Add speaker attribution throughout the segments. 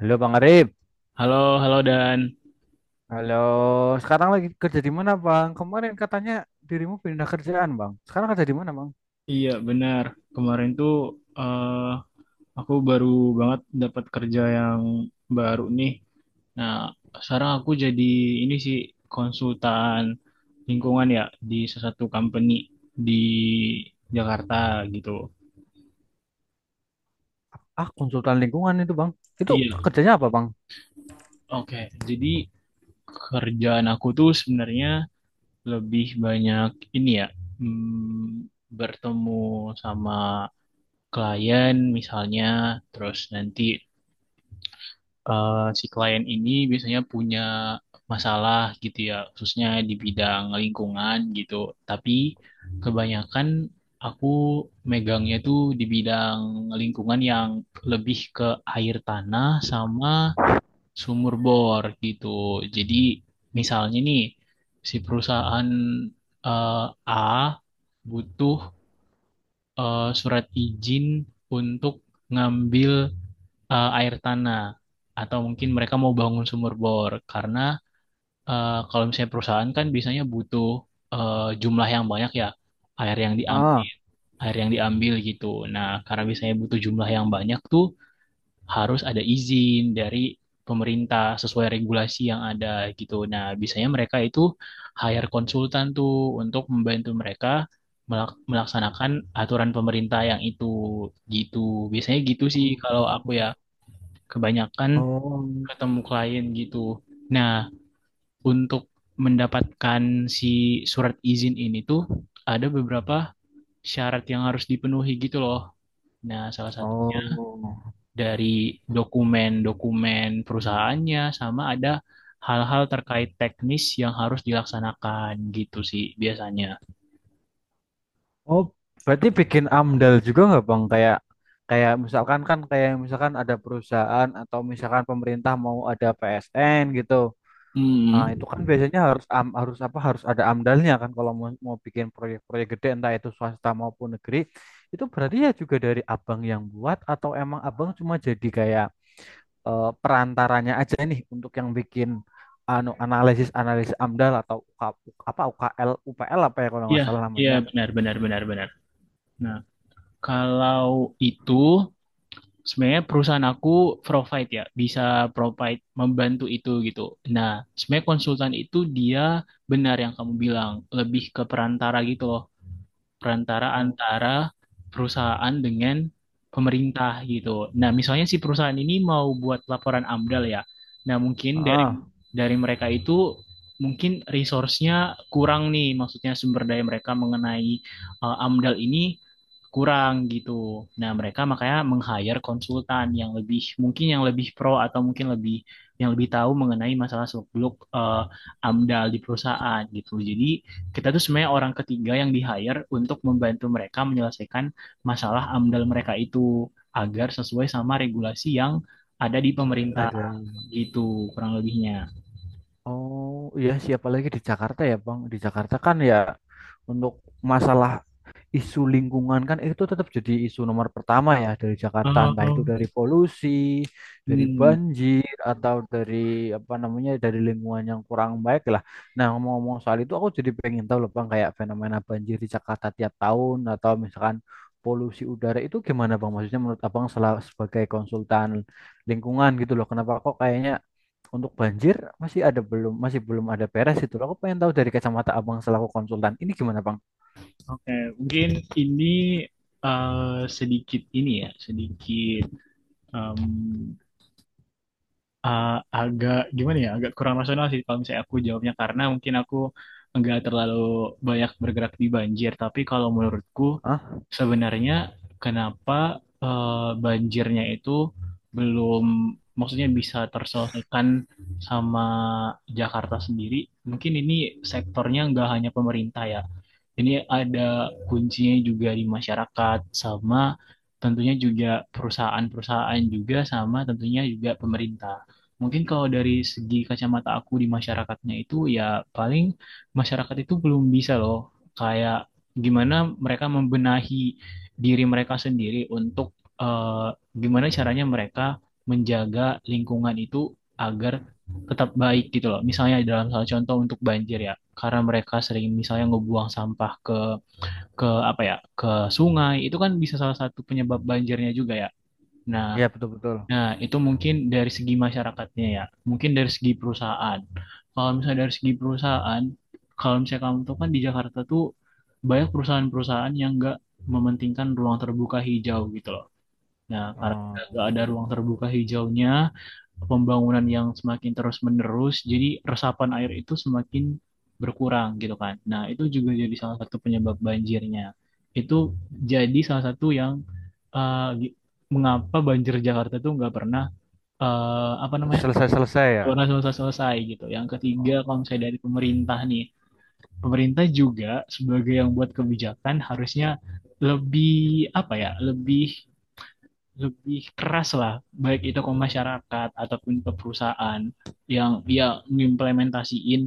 Speaker 1: Halo Bang Arif.
Speaker 2: Halo, halo Dan.
Speaker 1: Halo, sekarang lagi kerja di mana Bang? Kemarin katanya dirimu pindah kerjaan Bang. Sekarang kerja di mana Bang?
Speaker 2: Iya, benar. Kemarin tuh eh, aku baru banget dapat kerja yang baru nih. Nah, sekarang aku jadi ini sih konsultan lingkungan ya di salah satu company di Jakarta gitu.
Speaker 1: Ah, konsultan lingkungan itu Bang. Itu
Speaker 2: Iya,
Speaker 1: kerjanya apa Bang?
Speaker 2: oke. Jadi kerjaan aku tuh sebenarnya lebih banyak ini ya, hmm, bertemu sama klien misalnya, terus nanti si klien ini biasanya punya masalah gitu ya, khususnya di bidang lingkungan gitu. Tapi kebanyakan aku megangnya tuh di bidang lingkungan yang lebih ke air tanah sama sumur bor gitu. Jadi misalnya nih si perusahaan eh, A butuh surat izin untuk ngambil air tanah atau mungkin mereka mau bangun sumur bor karena kalau misalnya perusahaan kan biasanya butuh jumlah yang banyak ya air yang
Speaker 1: Ah.
Speaker 2: diambil air yang diambil gitu. Nah, karena biasanya butuh jumlah yang banyak tuh harus ada izin dari pemerintah sesuai regulasi yang ada gitu. Nah, biasanya mereka itu hire konsultan tuh untuk membantu mereka melaksanakan aturan pemerintah yang itu gitu. Biasanya gitu sih kalau aku ya kebanyakan
Speaker 1: Oh,
Speaker 2: ketemu klien gitu. Nah, untuk mendapatkan si surat izin ini tuh ada beberapa syarat yang harus dipenuhi gitu loh. Nah, salah satunya
Speaker 1: oh,
Speaker 2: dari dokumen-dokumen perusahaannya sama ada hal-hal terkait teknis yang harus dilaksanakan gitu sih biasanya.
Speaker 1: oh, berarti bikin AMDAL juga nggak Bang? Kayak kayak misalkan kan kayak misalkan ada perusahaan atau misalkan pemerintah mau ada PSN gitu. Ah,
Speaker 2: Hmm.
Speaker 1: itu kan biasanya harus am- harus apa harus ada amdalnya kan kalau mau bikin proyek-proyek gede entah itu swasta maupun negeri, itu berarti ya juga dari abang yang buat atau emang abang cuma jadi kayak perantaranya aja nih untuk yang bikin anu analisis analisis amdal atau UK apa UKL UPL apa ya kalau
Speaker 2: Iya,
Speaker 1: nggak salah
Speaker 2: iya
Speaker 1: namanya.
Speaker 2: benar benar benar benar. Nah, kalau itu sebenarnya perusahaan aku provide ya, bisa provide membantu itu gitu. Nah, sebenarnya konsultan itu dia benar yang kamu bilang, lebih ke perantara gitu loh perantara
Speaker 1: Oh.
Speaker 2: antara perusahaan dengan pemerintah gitu. Nah, misalnya si perusahaan ini mau buat laporan AMDAL ya. Nah, mungkin dari
Speaker 1: Ah.
Speaker 2: dari mereka itu mungkin resource-nya kurang nih, maksudnya sumber daya mereka mengenai AMDAL ini kurang gitu. Nah, mereka makanya meng-hire konsultan yang lebih mungkin yang lebih pro atau mungkin lebih yang lebih tahu mengenai masalah seluk-beluk AMDAL di perusahaan gitu. Jadi kita tuh sebenarnya orang ketiga yang di-hire untuk membantu mereka menyelesaikan masalah AMDAL mereka itu agar sesuai sama regulasi yang ada di pemerintah
Speaker 1: Ada.
Speaker 2: gitu kurang lebihnya.
Speaker 1: Oh, iya, siapa lagi di Jakarta ya Bang, di Jakarta kan ya, untuk masalah isu lingkungan kan itu tetap jadi isu nomor pertama ya dari Jakarta, entah itu
Speaker 2: Eh,
Speaker 1: dari polusi, dari
Speaker 2: hmm,
Speaker 1: banjir atau dari apa namanya, dari lingkungan yang kurang baik lah. Nah, ngomong-ngomong soal itu aku jadi pengen tahu loh Bang, kayak fenomena banjir di Jakarta tiap tahun atau misalkan polusi udara itu gimana Bang? Maksudnya menurut Abang sebagai konsultan lingkungan gitu loh. Kenapa kok kayaknya untuk banjir masih belum ada beres itu loh. Aku pengen tahu dari kacamata Abang selaku konsultan. Ini gimana Bang?
Speaker 2: oke. Mungkin ini sedikit ini ya, sedikit ah, agak gimana ya, agak kurang rasional sih kalau misalnya aku jawabnya karena mungkin aku nggak terlalu banyak bergerak di banjir. Tapi kalau menurutku
Speaker 1: Ah,
Speaker 2: sebenarnya kenapa banjirnya itu belum maksudnya bisa terselesaikan sama Jakarta sendiri? Mungkin ini sektornya nggak hanya pemerintah ya, ini ada kuncinya juga di masyarakat sama tentunya juga perusahaan-perusahaan juga sama tentunya juga pemerintah. Mungkin kalau dari segi kacamata aku di masyarakatnya itu ya paling masyarakat itu belum bisa loh kayak gimana mereka membenahi diri mereka sendiri untuk eh, gimana caranya mereka menjaga lingkungan itu agar tetap baik gitu loh. Misalnya dalam salah contoh untuk banjir ya, karena mereka sering misalnya ngebuang sampah ke apa ya, ke sungai, itu kan bisa salah satu penyebab banjirnya juga ya. Nah,
Speaker 1: iya, betul-betul.
Speaker 2: nah, itu mungkin dari segi masyarakatnya ya, mungkin dari segi perusahaan. Kalau misalnya dari segi perusahaan, kalau misalnya kamu tahu kan di Jakarta tuh banyak perusahaan-perusahaan yang nggak mementingkan ruang terbuka hijau gitu loh. Nah, karena
Speaker 1: Oh,
Speaker 2: nggak ada ruang terbuka hijaunya, pembangunan yang semakin terus-menerus, jadi resapan air itu semakin berkurang gitu kan. Nah, itu juga jadi salah satu penyebab banjirnya. Itu jadi salah satu yang eh, gi- mengapa banjir Jakarta tuh nggak pernah apa namanya
Speaker 1: selesai-selesai ya.
Speaker 2: pernah selesai-selesai gitu. Yang ketiga, kalau misalnya
Speaker 1: Oke.
Speaker 2: dari pemerintah nih, pemerintah juga sebagai yang buat kebijakan harusnya lebih apa ya, lebih lebih keras lah, baik itu ke masyarakat ataupun ke perusahaan yang dia mengimplementasiin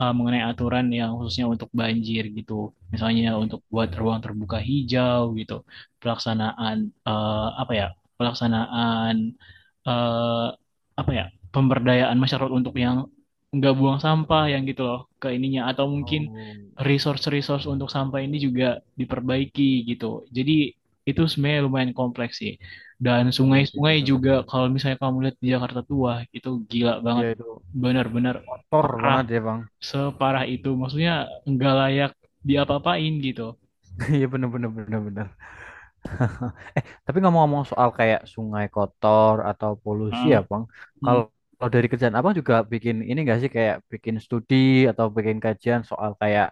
Speaker 2: mengenai aturan yang khususnya untuk banjir gitu. Misalnya untuk buat ruang terbuka hijau gitu, pelaksanaan uh, apa ya, pelaksanaan eh, apa ya pemberdayaan masyarakat untuk yang nggak buang sampah yang gitu loh ke ininya atau mungkin
Speaker 1: Oh.
Speaker 2: resource-resource untuk sampah ini juga diperbaiki gitu. Jadi itu sebenarnya lumayan kompleks sih. Dan
Speaker 1: Iya sih,
Speaker 2: sungai-sungai
Speaker 1: betul
Speaker 2: juga
Speaker 1: betul.
Speaker 2: kalau misalnya kamu lihat di Jakarta tua itu gila banget.
Speaker 1: Iya itu
Speaker 2: Benar-benar
Speaker 1: tor banget
Speaker 2: parah,
Speaker 1: ya Bang.
Speaker 2: separah itu. Maksudnya nggak layak diapa-apain gitu.
Speaker 1: Iya, bener bener bener bener. Eh, tapi ngomong-ngomong soal kayak sungai kotor atau polusi ya
Speaker 2: Heeh.
Speaker 1: Bang. Kalau kalau dari kerjaan abang juga bikin ini nggak sih, kayak bikin studi atau bikin kajian soal kayak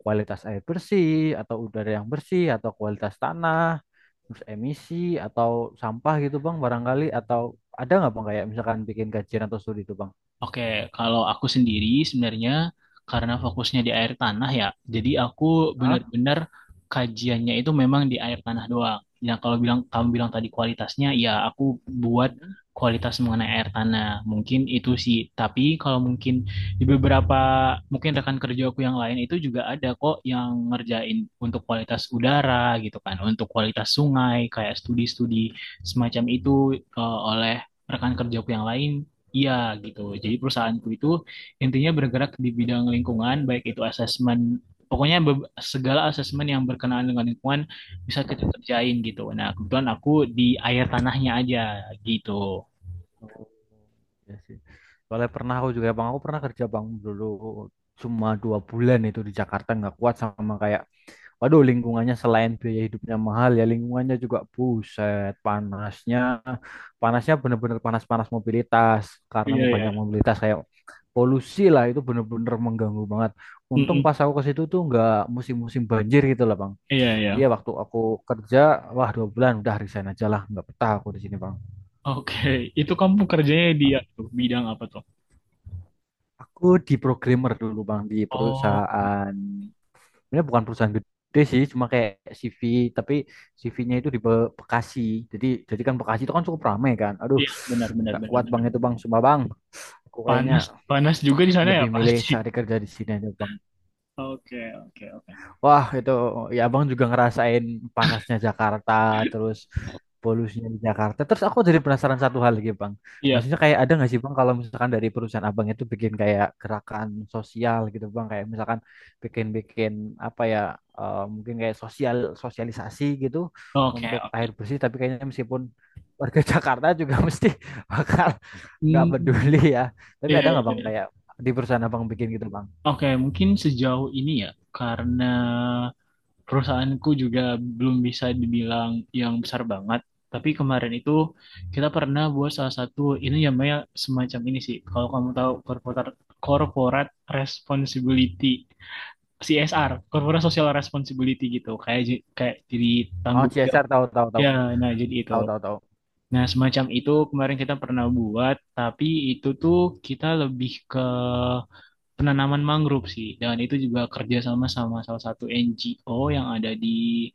Speaker 1: kualitas air bersih atau udara yang bersih atau kualitas tanah, terus emisi atau sampah gitu Bang, barangkali, atau ada nggak Bang kayak misalkan bikin kajian atau studi itu Bang?
Speaker 2: Oke, kalau aku sendiri sebenarnya karena fokusnya di air tanah ya, jadi aku
Speaker 1: Hah?
Speaker 2: benar-benar kajiannya itu memang di air tanah doang. Nah, kalau kamu bilang tadi kualitasnya, ya aku buat
Speaker 1: Hmm?
Speaker 2: kualitas mengenai air tanah. Mungkin itu sih, tapi kalau mungkin di beberapa mungkin rekan kerja aku yang lain itu juga ada kok yang ngerjain untuk kualitas udara gitu kan, untuk kualitas sungai kayak studi-studi semacam itu oleh rekan kerjaku yang lain. Iya gitu. Jadi perusahaanku itu intinya bergerak di bidang lingkungan, baik itu asesmen, pokoknya segala asesmen yang berkenaan dengan lingkungan bisa kita kerjain gitu. Nah, kebetulan aku di air tanahnya aja gitu.
Speaker 1: Oh, iya sih. Soalnya pernah aku juga Bang, aku pernah kerja Bang dulu cuma 2 bulan itu di Jakarta, nggak kuat sama kayak, waduh, lingkungannya selain biaya hidupnya mahal ya lingkungannya juga buset panasnya, panasnya bener-bener panas-panas. Mobilitas, karena
Speaker 2: Iya,
Speaker 1: mau banyak
Speaker 2: iya.
Speaker 1: mobilitas, kayak polusi lah, itu bener-bener mengganggu banget. Untung
Speaker 2: Mm-mm.
Speaker 1: pas aku ke situ tuh nggak musim-musim banjir gitu lah Bang.
Speaker 2: Iya,
Speaker 1: Dia
Speaker 2: iya.
Speaker 1: waktu aku kerja, wah 2 bulan udah resign aja lah, nggak betah aku di sini Bang.
Speaker 2: Oke, itu kamu kerjanya di ya, tuh, bidang apa tuh?
Speaker 1: Aku di programmer dulu Bang, di
Speaker 2: Oh,
Speaker 1: perusahaan, sebenarnya bukan perusahaan gede sih, cuma kayak CV, tapi CV-nya itu di Bekasi. Jadi kan Bekasi itu kan cukup ramai kan. Aduh,
Speaker 2: iya, benar, benar,
Speaker 1: nggak
Speaker 2: benar,
Speaker 1: kuat Bang
Speaker 2: benar.
Speaker 1: itu Bang, sumpah Bang. Aku kayaknya
Speaker 2: Panas, panas juga di sana ya
Speaker 1: lebih milih
Speaker 2: pasti.
Speaker 1: cari kerja di sini aja Bang.
Speaker 2: Oke, oke.
Speaker 1: Wah, itu ya Abang juga ngerasain panasnya Jakarta, terus polusinya di Jakarta. Terus aku jadi penasaran satu hal lagi, Bang.
Speaker 2: Iya,
Speaker 1: Maksudnya kayak ada nggak sih, Bang, kalau misalkan dari perusahaan Abang itu bikin kayak gerakan sosial gitu, Bang, kayak misalkan bikin-bikin apa ya, mungkin kayak sosialisasi gitu
Speaker 2: oke,
Speaker 1: untuk
Speaker 2: oke.
Speaker 1: air bersih, tapi kayaknya meskipun warga Jakarta juga mesti bakal nggak
Speaker 2: Hmm,
Speaker 1: peduli ya. Tapi
Speaker 2: iya,
Speaker 1: ada nggak, Bang,
Speaker 2: iya.
Speaker 1: kayak di perusahaan Abang bikin gitu, Bang?
Speaker 2: Oke, mungkin sejauh ini ya, karena perusahaanku juga belum bisa dibilang yang besar banget. Tapi kemarin itu kita pernah buat salah satu ini namanya semacam ini sih. Kalau kamu tahu corporate corporate responsibility CSR, corporate social responsibility gitu. Kayak jadi
Speaker 1: Oh,
Speaker 2: tanggung jawab.
Speaker 1: CSR, tahu tahu tahu
Speaker 2: Ya, nah jadi itu.
Speaker 1: tahu tahu tahu.
Speaker 2: Nah, semacam itu kemarin kita pernah buat, tapi itu tuh kita lebih ke penanaman mangrove sih. Dan itu juga kerja sama sama salah satu NGO yang ada di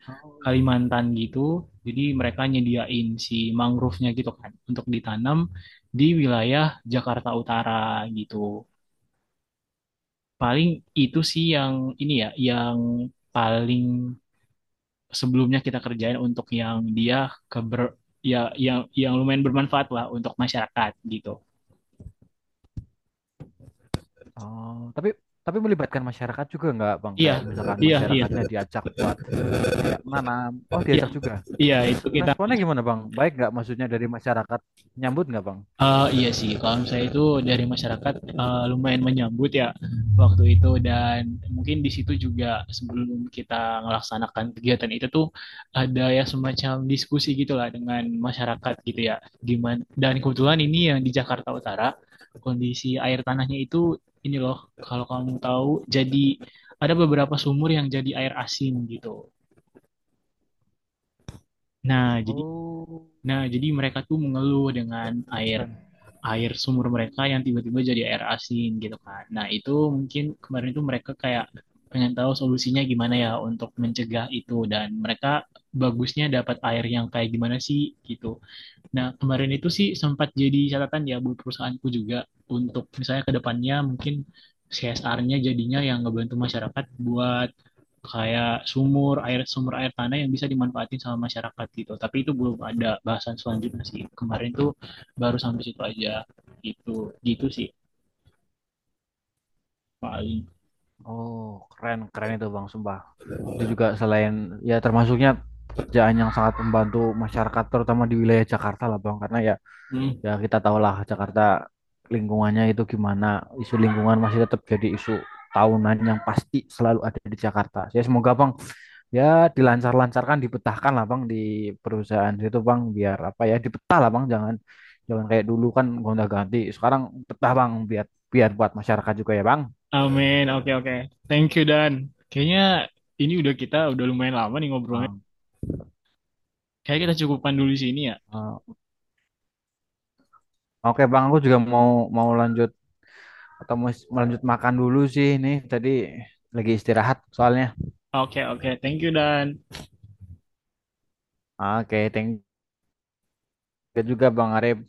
Speaker 1: Oh.
Speaker 2: Kalimantan gitu. Jadi mereka nyediain si mangrove-nya gitu kan untuk ditanam di wilayah Jakarta Utara gitu. Paling itu sih yang ini ya, yang paling sebelumnya kita kerjain untuk yang dia keber ya yang lumayan bermanfaat lah untuk masyarakat gitu.
Speaker 1: Oh, tapi melibatkan masyarakat juga nggak, Bang?
Speaker 2: Iya,
Speaker 1: Kayak misalkan
Speaker 2: iya, iya,
Speaker 1: masyarakatnya diajak buat kayak menanam. Oh,
Speaker 2: iya,
Speaker 1: diajak juga.
Speaker 2: iya,
Speaker 1: Terus
Speaker 2: itu kita.
Speaker 1: responnya gimana, Bang? Baik nggak maksudnya dari masyarakat, nyambut nggak, Bang?
Speaker 2: Iya sih, kalau misalnya itu dari masyarakat lumayan menyambut ya waktu itu dan mungkin di situ juga sebelum kita melaksanakan kegiatan itu tuh ada ya semacam diskusi gitulah dengan masyarakat gitu ya. Gimana? Dan kebetulan ini yang di Jakarta Utara kondisi air tanahnya itu ini loh kalau kamu tahu jadi ada beberapa sumur yang jadi air asin gitu. Nah, jadi
Speaker 1: Oh,
Speaker 2: Nah, jadi mereka tuh mengeluh dengan air
Speaker 1: keren.
Speaker 2: air sumur mereka yang tiba-tiba jadi air asin gitu kan. Nah, itu mungkin kemarin itu mereka kayak pengen tahu solusinya gimana ya untuk mencegah itu dan mereka bagusnya dapat air yang kayak gimana sih gitu. Nah, kemarin itu sih sempat jadi catatan ya buat perusahaanku juga untuk misalnya ke depannya mungkin CSR-nya jadinya yang ngebantu masyarakat buat kayak sumur air sumber air tanah yang bisa dimanfaatin sama masyarakat gitu. Tapi itu belum ada bahasan selanjutnya sih. Kemarin tuh baru sampai situ aja gitu. Gitu sih paling.
Speaker 1: Oh, keren keren itu, Bang, sumpah. Itu juga selain ya termasuknya kerjaan yang sangat membantu masyarakat, terutama di wilayah Jakarta lah, Bang, karena ya,
Speaker 2: Hmm.
Speaker 1: ya kita tahulah Jakarta lingkungannya itu gimana, isu lingkungan masih tetap jadi isu tahunan yang pasti selalu ada di Jakarta. Ya, semoga Bang, ya, dilancar-lancarkan, dipetahkan lah Bang di perusahaan itu Bang, biar apa ya, dipetah lah Bang, jangan jangan kayak dulu kan gonta-ganti, sekarang petah Bang, biar biar buat masyarakat juga ya Bang.
Speaker 2: Amin. Oke, oke. Thank you, Dan. Kayaknya ini udah kita udah lumayan lama nih ngobrolnya.
Speaker 1: Ah,
Speaker 2: Kayaknya kita cukupkan dulu di sini ya.
Speaker 1: ah. Oke Bang, aku juga mau mau lanjut atau mau lanjut makan dulu sih, ini tadi lagi istirahat soalnya.
Speaker 2: Oke, oke. Thank you, Dan.
Speaker 1: Oke, thank you juga Bang Arif.